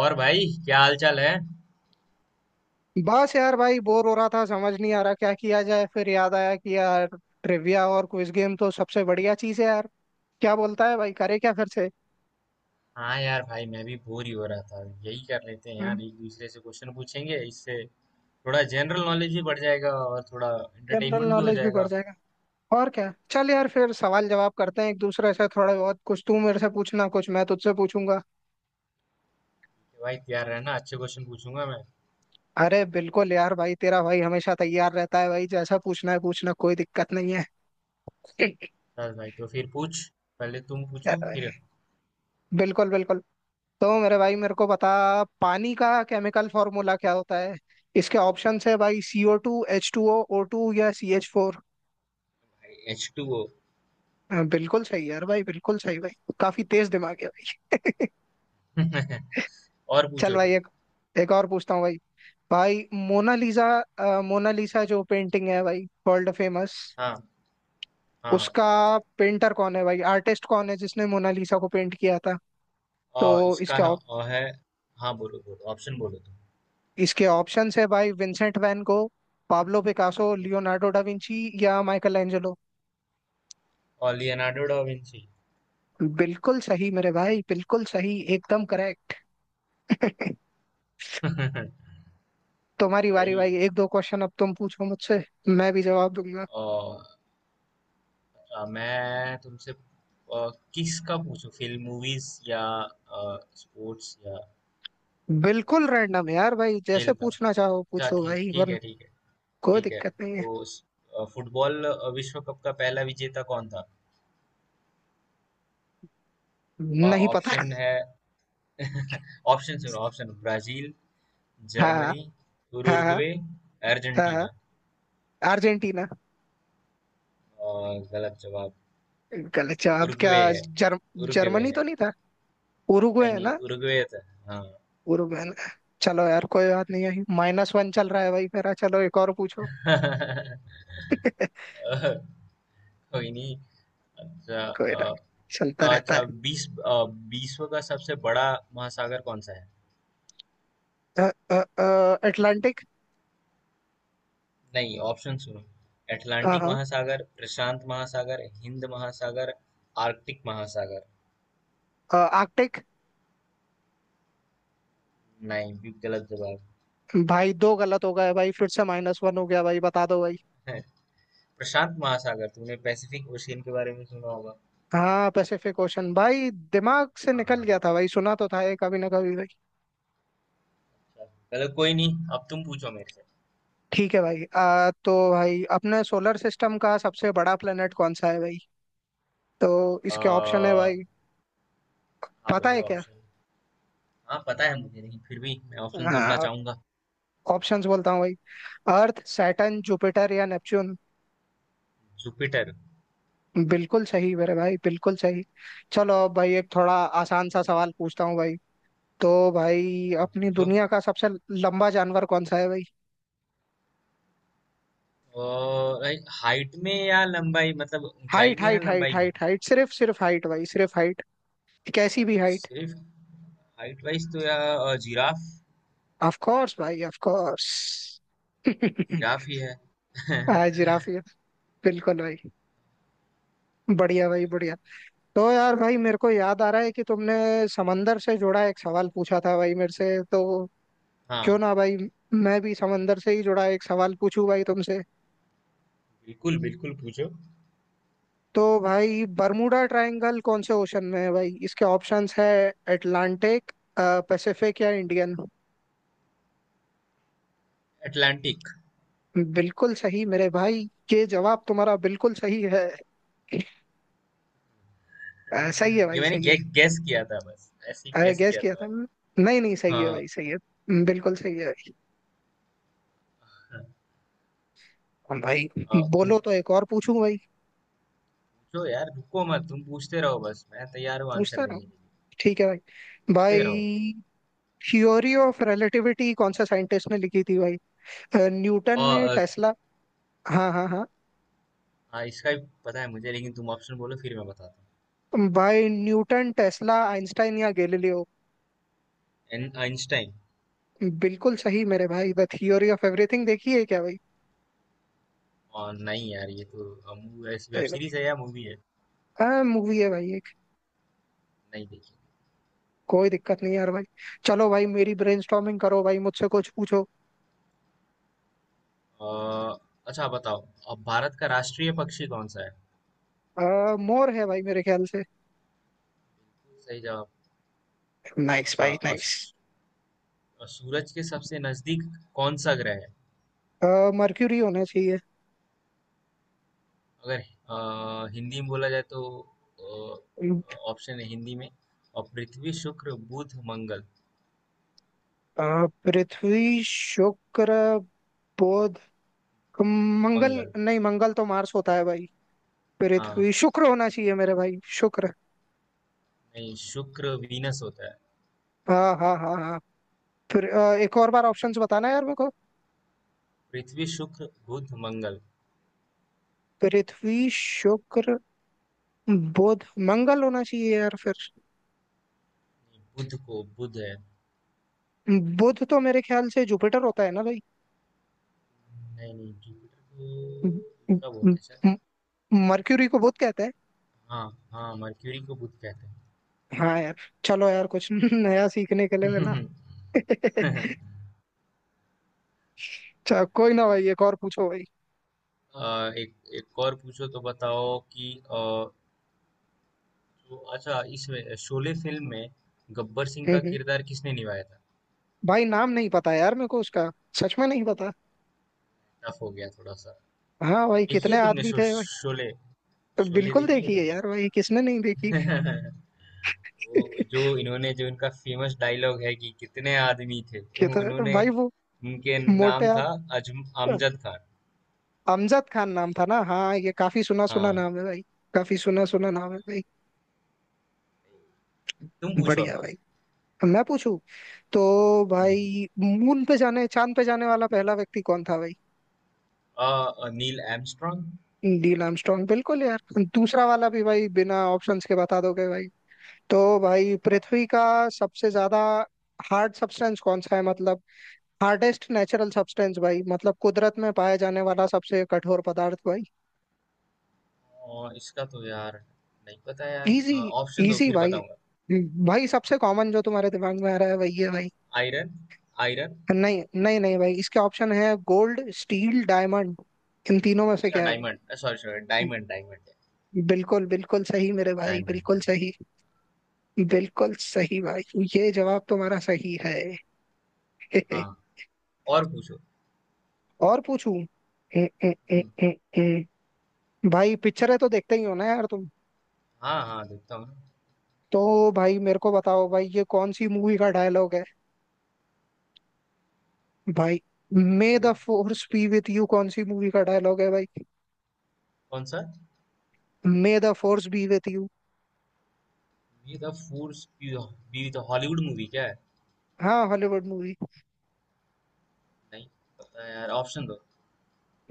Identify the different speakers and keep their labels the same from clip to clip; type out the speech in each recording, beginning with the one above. Speaker 1: और भाई क्या हाल चाल है।
Speaker 2: बस यार भाई बोर हो रहा था। समझ नहीं आ रहा क्या किया जाए। फिर याद आया कि यार ट्रिविया और क्विज गेम तो सबसे बढ़िया चीज है यार। क्या बोलता है भाई, करे क्या फिर से?
Speaker 1: हाँ यार भाई, मैं भी बोर ही हो रहा था। यही कर लेते हैं यार, एक दूसरे से क्वेश्चन पूछेंगे। इससे थोड़ा जनरल नॉलेज भी बढ़ जाएगा और थोड़ा
Speaker 2: जनरल
Speaker 1: एंटरटेनमेंट भी हो
Speaker 2: नॉलेज भी
Speaker 1: जाएगा।
Speaker 2: बढ़ जाएगा। और क्या, चल यार फिर सवाल जवाब करते हैं एक दूसरे से। थोड़े बहुत कुछ तू मेरे से पूछना, कुछ मैं तुझसे पूछूंगा।
Speaker 1: कि भाई तैयार रहना, अच्छे क्वेश्चन पूछूंगा मैं।
Speaker 2: अरे बिल्कुल यार भाई, तेरा भाई हमेशा तैयार रहता है भाई। जैसा पूछना है पूछना, कोई दिक्कत नहीं है।
Speaker 1: चल भाई तो फिर पूछ, पहले तुम
Speaker 2: यार
Speaker 1: पूछो
Speaker 2: भाई,
Speaker 1: फिर।
Speaker 2: बिल्कुल बिल्कुल। तो मेरे भाई, मेरे को बता पानी का केमिकल फॉर्मूला क्या होता है? इसके ऑप्शन है भाई CO two, H two O, O two या सी एच फोर।
Speaker 1: भाई H2O।
Speaker 2: बिल्कुल सही यार भाई, बिल्कुल सही भाई। काफी तेज दिमाग है भाई।
Speaker 1: और
Speaker 2: चल
Speaker 1: पूछो
Speaker 2: भाई,
Speaker 1: तुम।
Speaker 2: एक एक और पूछता हूँ भाई। भाई मोनालिसा, मोनालिसा जो पेंटिंग है भाई, वर्ल्ड फेमस।
Speaker 1: हाँ हाँ हाँ।
Speaker 2: उसका पेंटर कौन है भाई? आर्टिस्ट कौन है जिसने मोनालिसा को पेंट किया था? तो
Speaker 1: इसका
Speaker 2: इसके
Speaker 1: है।
Speaker 2: op-
Speaker 1: है। हाँ बोलो बोलो, ऑप्शन बोलो तुम।
Speaker 2: इसके ऑप्शंस है भाई Vincent van Gogh, Pablo Picasso, Leonardo da Vinci या माइकल एंजेलो।
Speaker 1: और लियोनार्डो डा विंची।
Speaker 2: बिल्कुल सही मेरे भाई, बिल्कुल सही, एकदम करेक्ट। तुम्हारी बारी
Speaker 1: भाई,
Speaker 2: भाई, एक दो क्वेश्चन अब तुम पूछो मुझसे। मैं भी जवाब दूंगा।
Speaker 1: और मैं तुमसे किस का पूछूं? फिल्म मूवीज या स्पोर्ट्स या अ,
Speaker 2: बिल्कुल रैंडम यार भाई, जैसे
Speaker 1: खेल का?
Speaker 2: पूछना चाहो
Speaker 1: अच्छा
Speaker 2: पूछो
Speaker 1: खेल,
Speaker 2: भाई,
Speaker 1: ठीक
Speaker 2: वरना
Speaker 1: है, ठीक है।
Speaker 2: कोई
Speaker 1: ठीक है
Speaker 2: दिक्कत नहीं है।
Speaker 1: तो फुटबॉल विश्व कप का पहला विजेता कौन था?
Speaker 2: नहीं पता।
Speaker 1: ऑप्शन है। ऑप्शन सुनो। ऑप्शन ब्राजील,
Speaker 2: हाँ
Speaker 1: जर्मनी,
Speaker 2: हाँ हाँ
Speaker 1: उरुग्वे,
Speaker 2: हाँ हाँ।
Speaker 1: अर्जेंटीना।
Speaker 2: अर्जेंटीना।
Speaker 1: और गलत जवाब।
Speaker 2: गलत जवाब क्या?
Speaker 1: उरुग्वे है।
Speaker 2: जर्म
Speaker 1: उरुग्वे
Speaker 2: जर्मनी तो
Speaker 1: है।
Speaker 2: नहीं था। उरुग्वे
Speaker 1: नहीं
Speaker 2: है
Speaker 1: नहीं,
Speaker 2: ना?
Speaker 1: उरुग्वे था। हाँ।
Speaker 2: उरुग्वे है ना। चलो यार कोई बात नहीं है, माइनस वन चल रहा है भाई मेरा। चलो एक और पूछो।
Speaker 1: कोई नहीं। अच्छा
Speaker 2: कोई ना,
Speaker 1: अ,
Speaker 2: चलता रहता
Speaker 1: अच्छा
Speaker 2: है।
Speaker 1: 20 विश्व का सबसे बड़ा महासागर कौन सा है?
Speaker 2: अटलांटिक।
Speaker 1: नहीं, ऑप्शन सुनो।
Speaker 2: हाँ
Speaker 1: अटलांटिक
Speaker 2: हाँ।
Speaker 1: महासागर, प्रशांत महासागर, हिंद महासागर, आर्कटिक महासागर।
Speaker 2: आर्कटिक।
Speaker 1: नहीं, भी गलत जवाब
Speaker 2: भाई दो गलत हो गए भाई, फिर से माइनस वन हो गया भाई। बता दो भाई।
Speaker 1: है। प्रशांत महासागर, तुमने पैसिफिक ओशियन के बारे में सुना होगा।
Speaker 2: हाँ, पैसिफिक ओशन भाई, दिमाग से निकल
Speaker 1: हाँ।
Speaker 2: गया था भाई। सुना तो था ये कभी ना कभी भाई।
Speaker 1: अच्छा। चलो कोई नहीं, अब तुम पूछो मेरे से।
Speaker 2: ठीक है भाई। तो भाई अपने सोलर सिस्टम का सबसे बड़ा प्लेनेट कौन सा है भाई? तो इसके ऑप्शन है
Speaker 1: आ,
Speaker 2: भाई,
Speaker 1: हाँ
Speaker 2: पता है
Speaker 1: बोलो
Speaker 2: क्या?
Speaker 1: ऑप्शन। हाँ पता है मुझे, नहीं फिर भी मैं ऑप्शन सुनना
Speaker 2: हाँ,
Speaker 1: चाहूंगा।
Speaker 2: ऑप्शंस बोलता हूँ भाई। अर्थ, सैटर्न, जुपिटर या नेपच्यून।
Speaker 1: जुपिटर।
Speaker 2: बिल्कुल सही मेरे भाई, बिल्कुल सही। चलो अब भाई एक थोड़ा आसान सा सवाल पूछता हूँ भाई। तो भाई,
Speaker 1: हाँ
Speaker 2: अपनी
Speaker 1: पूछो।
Speaker 2: दुनिया का सबसे लंबा जानवर कौन सा है भाई?
Speaker 1: लाइक हाइट में या लंबाई, मतलब ऊंचाई
Speaker 2: हाइट
Speaker 1: में या
Speaker 2: हाइट हाइट
Speaker 1: लंबाई में?
Speaker 2: हाइट हाइट, सिर्फ सिर्फ हाइट भाई, सिर्फ हाइट।
Speaker 1: अ,
Speaker 2: कैसी भी हाइट।
Speaker 1: सिर्फ हाइट वाइज तो यार जिराफ।
Speaker 2: ऑफ कोर्स भाई, ऑफ कोर्स।
Speaker 1: जिराफ ही है।
Speaker 2: हाँ जिराफ ही है। बिल्कुल भाई। बढ़िया भाई, बढ़िया। तो यार भाई, मेरे को याद आ रहा है कि तुमने समंदर से जुड़ा एक सवाल पूछा था भाई मेरे से। तो
Speaker 1: हाँ,
Speaker 2: क्यों ना भाई मैं भी समंदर से ही जुड़ा एक सवाल पूछूं भाई तुमसे।
Speaker 1: बिल्कुल बिल्कुल पूछो।
Speaker 2: तो भाई, बर्मुडा ट्रायंगल कौन से ओशन में है भाई? इसके ऑप्शंस है अटलांटिक, पैसिफिक या इंडियन।
Speaker 1: अटलांटिक।
Speaker 2: बिल्कुल सही मेरे भाई। ये जवाब तुम्हारा बिल्कुल सही है। सही है
Speaker 1: ये
Speaker 2: भाई,
Speaker 1: मैंने
Speaker 2: सही है।
Speaker 1: गेस किया था, बस ऐसे ही
Speaker 2: अरे
Speaker 1: गेस
Speaker 2: गैस
Speaker 1: किया
Speaker 2: किया
Speaker 1: था
Speaker 2: था
Speaker 1: मैंने।
Speaker 2: मैंने। नहीं नहीं, सही है भाई,
Speaker 1: हाँ।
Speaker 2: सही है। बिल्कुल सही है भाई। हम भाई,
Speaker 1: तुम
Speaker 2: बोलो तो एक और पूछूं भाई?
Speaker 1: पूछो यार, रुको मत, तुम पूछते रहो, बस मैं तैयार हूँ आंसर
Speaker 2: पूछता रहो।
Speaker 1: देने के लिए।
Speaker 2: ठीक है भाई।
Speaker 1: पूछते रहो।
Speaker 2: भाई थ्योरी ऑफ रिलेटिविटी कौन सा साइंटिस्ट ने लिखी थी भाई? न्यूटन
Speaker 1: और
Speaker 2: ने, टेस्ला, हाँ हाँ हाँ।
Speaker 1: हाँ, इसका भी पता है मुझे, लेकिन तुम ऑप्शन बोलो फिर मैं बताता हूँ।
Speaker 2: भाई न्यूटन, टेस्ला, आइंस्टाइन या गैलीलियो?
Speaker 1: आइंस्टाइन।
Speaker 2: बिल्कुल सही मेरे भाई। द थियोरी ऑफ एवरीथिंग देखी है क्या भाई?
Speaker 1: और नहीं यार, ये तो वेब
Speaker 2: सही में।
Speaker 1: सीरीज है या मूवी है?
Speaker 2: हाँ मूवी है भाई एक।
Speaker 1: नहीं देखी।
Speaker 2: कोई दिक्कत नहीं यार भाई। चलो भाई मेरी ब्रेनस्टॉर्मिंग करो भाई, मुझसे कुछ पूछो।
Speaker 1: अ, अच्छा बताओ, अब भारत का राष्ट्रीय पक्षी कौन सा है?
Speaker 2: मोर है भाई मेरे ख्याल से।
Speaker 1: सही जवाब।
Speaker 2: नाइस
Speaker 1: अच्छा
Speaker 2: भाई,
Speaker 1: अ,
Speaker 2: नाइस।
Speaker 1: सू- सूरज के सबसे नजदीक कौन सा ग्रह है?
Speaker 2: मर्क्यूरी होना चाहिए।
Speaker 1: अगर हिंदी में बोला जाए तो अ, ऑप्शन है हिंदी में, और पृथ्वी, शुक्र, बुध, मंगल।
Speaker 2: पृथ्वी, शुक्र, बुध, मंगल।
Speaker 1: मंगल।
Speaker 2: नहीं, मंगल तो मार्स होता है भाई।
Speaker 1: हाँ।
Speaker 2: पृथ्वी शुक्र होना चाहिए मेरे भाई, शुक्र।
Speaker 1: नहीं, शुक्र वीनस होता है।
Speaker 2: हाँ हाँ हाँ हाँ। फिर एक और बार ऑप्शंस बताना यार मेरे को।
Speaker 1: पृथ्वी, शुक्र, बुध, मंगल।
Speaker 2: पृथ्वी, शुक्र, बुध, मंगल होना चाहिए यार फिर।
Speaker 1: नहीं, बुध को बुध है।
Speaker 2: बुध तो मेरे ख्याल से जुपिटर होता है ना भाई?
Speaker 1: नहीं नहीं, जुपिटर
Speaker 2: म-
Speaker 1: को दूसरा
Speaker 2: म-
Speaker 1: बोलते हैं शायद।
Speaker 2: म- मर्क्यूरी को बुध कहते हैं।
Speaker 1: हाँ हाँ, मर्क्यूरी को बुध कहते हैं।
Speaker 2: हाँ यार। चलो यार कुछ नया सीखने के
Speaker 1: अ,
Speaker 2: लिए मिला। चलो कोई ना भाई, एक और पूछो भाई।
Speaker 1: एक एक और पूछो, तो बताओ कि तो अच्छा इसमें शोले फिल्म में गब्बर सिंह
Speaker 2: हम्म,
Speaker 1: का
Speaker 2: हम्म।
Speaker 1: किरदार किसने निभाया था?
Speaker 2: भाई नाम नहीं पता यार मेरे को उसका। सच में नहीं पता।
Speaker 1: टफ हो गया थोड़ा सा।
Speaker 2: हाँ भाई,
Speaker 1: देखी है
Speaker 2: कितने
Speaker 1: तुमने
Speaker 2: आदमी थे भाई?
Speaker 1: शोले?
Speaker 2: तो
Speaker 1: शोले
Speaker 2: बिल्कुल
Speaker 1: देखी है
Speaker 2: देखी है यार भाई, किसने नहीं देखी।
Speaker 1: तुमने। वो, जो इनका फेमस डायलॉग है कि कितने आदमी थे।
Speaker 2: कितना
Speaker 1: उन्होंने,
Speaker 2: भाई वो,
Speaker 1: उनके
Speaker 2: मोटे
Speaker 1: नाम था
Speaker 2: आदमी।
Speaker 1: अजम अमजद खान।
Speaker 2: अमजद खान नाम था ना। हाँ ये काफी सुना सुना
Speaker 1: हाँ,
Speaker 2: नाम है भाई। काफी सुना सुना नाम है भाई।
Speaker 1: तुम पूछो अब
Speaker 2: बढ़िया भाई।
Speaker 1: मुझसे।
Speaker 2: अब मैं पूछूं। तो
Speaker 1: हम्म।
Speaker 2: भाई मून पे जाने, चांद पे जाने वाला पहला व्यक्ति कौन था भाई?
Speaker 1: अ, नील आर्मस्ट्रॉन्ग।
Speaker 2: नील आर्मस्ट्रॉन्ग बिल्कुल यार। दूसरा वाला भी भाई बिना ऑप्शंस के बता दोगे भाई? तो भाई पृथ्वी का सबसे ज्यादा हार्ड सब्सटेंस कौन सा है, मतलब हार्डेस्ट नेचुरल सब्सटेंस भाई, मतलब कुदरत में पाया जाने वाला सबसे कठोर पदार्थ भाई।
Speaker 1: और इसका तो यार नहीं पता
Speaker 2: इजी।
Speaker 1: यार, ऑप्शन दो
Speaker 2: इजी
Speaker 1: फिर
Speaker 2: भाई।
Speaker 1: बताऊंगा।
Speaker 2: भाई सबसे कॉमन जो तुम्हारे दिमाग में आ रहा है वही है भाई।
Speaker 1: Iron, iron.
Speaker 2: नहीं नहीं नहीं भाई, इसके ऑप्शन है गोल्ड, स्टील, डायमंड। इन तीनों में से
Speaker 1: अच्छा
Speaker 2: क्या है भाई?
Speaker 1: Diamond, sorry sorry, diamond diamond.
Speaker 2: बिल्कुल, बिल्कुल सही मेरे भाई, बिल्कुल
Speaker 1: डायमंड।
Speaker 2: सही। बिल्कुल सही भाई। ये जवाब तुम्हारा सही है।
Speaker 1: हाँ, और पूछो।
Speaker 2: और पूछूं? ए, ए, ए,
Speaker 1: हम्म,
Speaker 2: ए, ए। भाई पिक्चरें तो देखते ही हो ना यार तुम?
Speaker 1: हाँ हाँ देखता हूँ ना।
Speaker 2: तो भाई मेरे को बताओ भाई ये कौन सी मूवी का डायलॉग है भाई। मे
Speaker 1: बोलो,
Speaker 2: the force be with you कौन सी मूवी का डायलॉग है भाई?
Speaker 1: कौन सा?
Speaker 2: May the force be with you.
Speaker 1: Be the force be the Hollywood movie क्या है?
Speaker 2: हाँ, हॉलीवुड मूवी।
Speaker 1: नहीं पता यार, ऑप्शन दो।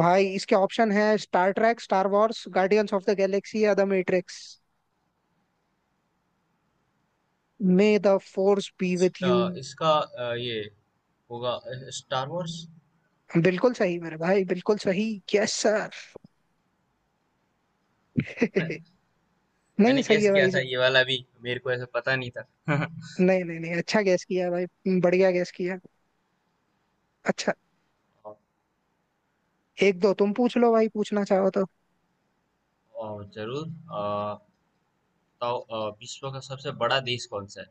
Speaker 2: भाई इसके ऑप्शन है Star Trek, Star Wars, Guardians of the Galaxy या the Matrix. May the force be with you.
Speaker 1: इसका ये होगा स्टार वॉर्स।
Speaker 2: बिल्कुल सही मेरे भाई, बिल्कुल सही। Yes sir. नहीं,
Speaker 1: मैंने
Speaker 2: सही
Speaker 1: गेस
Speaker 2: है
Speaker 1: किया
Speaker 2: भाई।
Speaker 1: था ये वाला भी, मेरे को ऐसा पता नहीं था।
Speaker 2: नहीं नहीं नहीं, अच्छा गैस किया भाई, बढ़िया गैस किया। अच्छा।
Speaker 1: और,
Speaker 2: एक दो तुम पूछ लो भाई पूछना चाहो तो।
Speaker 1: और जरूर। तो विश्व का सबसे बड़ा देश कौन सा है?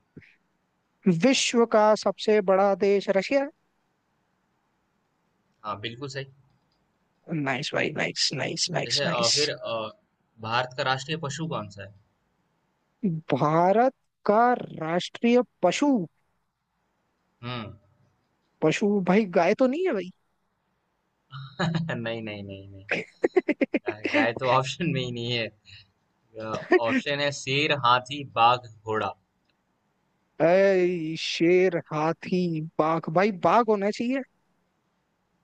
Speaker 2: विश्व का सबसे बड़ा देश रशिया।
Speaker 1: हाँ, बिल्कुल सही।
Speaker 2: नाइस भाई, नाइस नाइस नाइस
Speaker 1: जैसे
Speaker 2: नाइस।
Speaker 1: भारत का राष्ट्रीय पशु कौन सा है?
Speaker 2: भारत का राष्ट्रीय पशु।
Speaker 1: हम्म।
Speaker 2: पशु भाई, गाय तो नहीं है भाई?
Speaker 1: नहीं नहीं नहीं नहीं। गाय, गाय तो ऑप्शन में ही नहीं है। अ, ऑप्शन है शेर, हाथी, बाघ, घोड़ा।
Speaker 2: शेर हाथी बाघ भाई, बाघ होना चाहिए।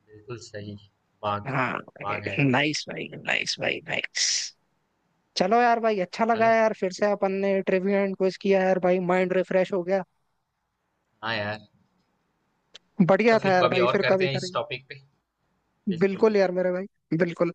Speaker 1: बिल्कुल सही, बाघ।
Speaker 2: हाँ।
Speaker 1: बाघ है।
Speaker 2: नाइस भाई, नाइस भाई, नाइस। चलो यार भाई, अच्छा लगा
Speaker 1: हेलो,
Speaker 2: यार फिर से अपन ने ट्रिविया एंड क्विज किया यार भाई, माइंड रिफ्रेश हो गया।
Speaker 1: हाँ यार,
Speaker 2: बढ़िया
Speaker 1: तो
Speaker 2: था
Speaker 1: फिर
Speaker 2: यार
Speaker 1: कभी
Speaker 2: भाई,
Speaker 1: और
Speaker 2: फिर
Speaker 1: करते
Speaker 2: कभी
Speaker 1: हैं इस
Speaker 2: करेंगे।
Speaker 1: टॉपिक पे। बिल्कुल
Speaker 2: बिल्कुल यार
Speaker 1: बिल्कुल।
Speaker 2: मेरे भाई, बिल्कुल।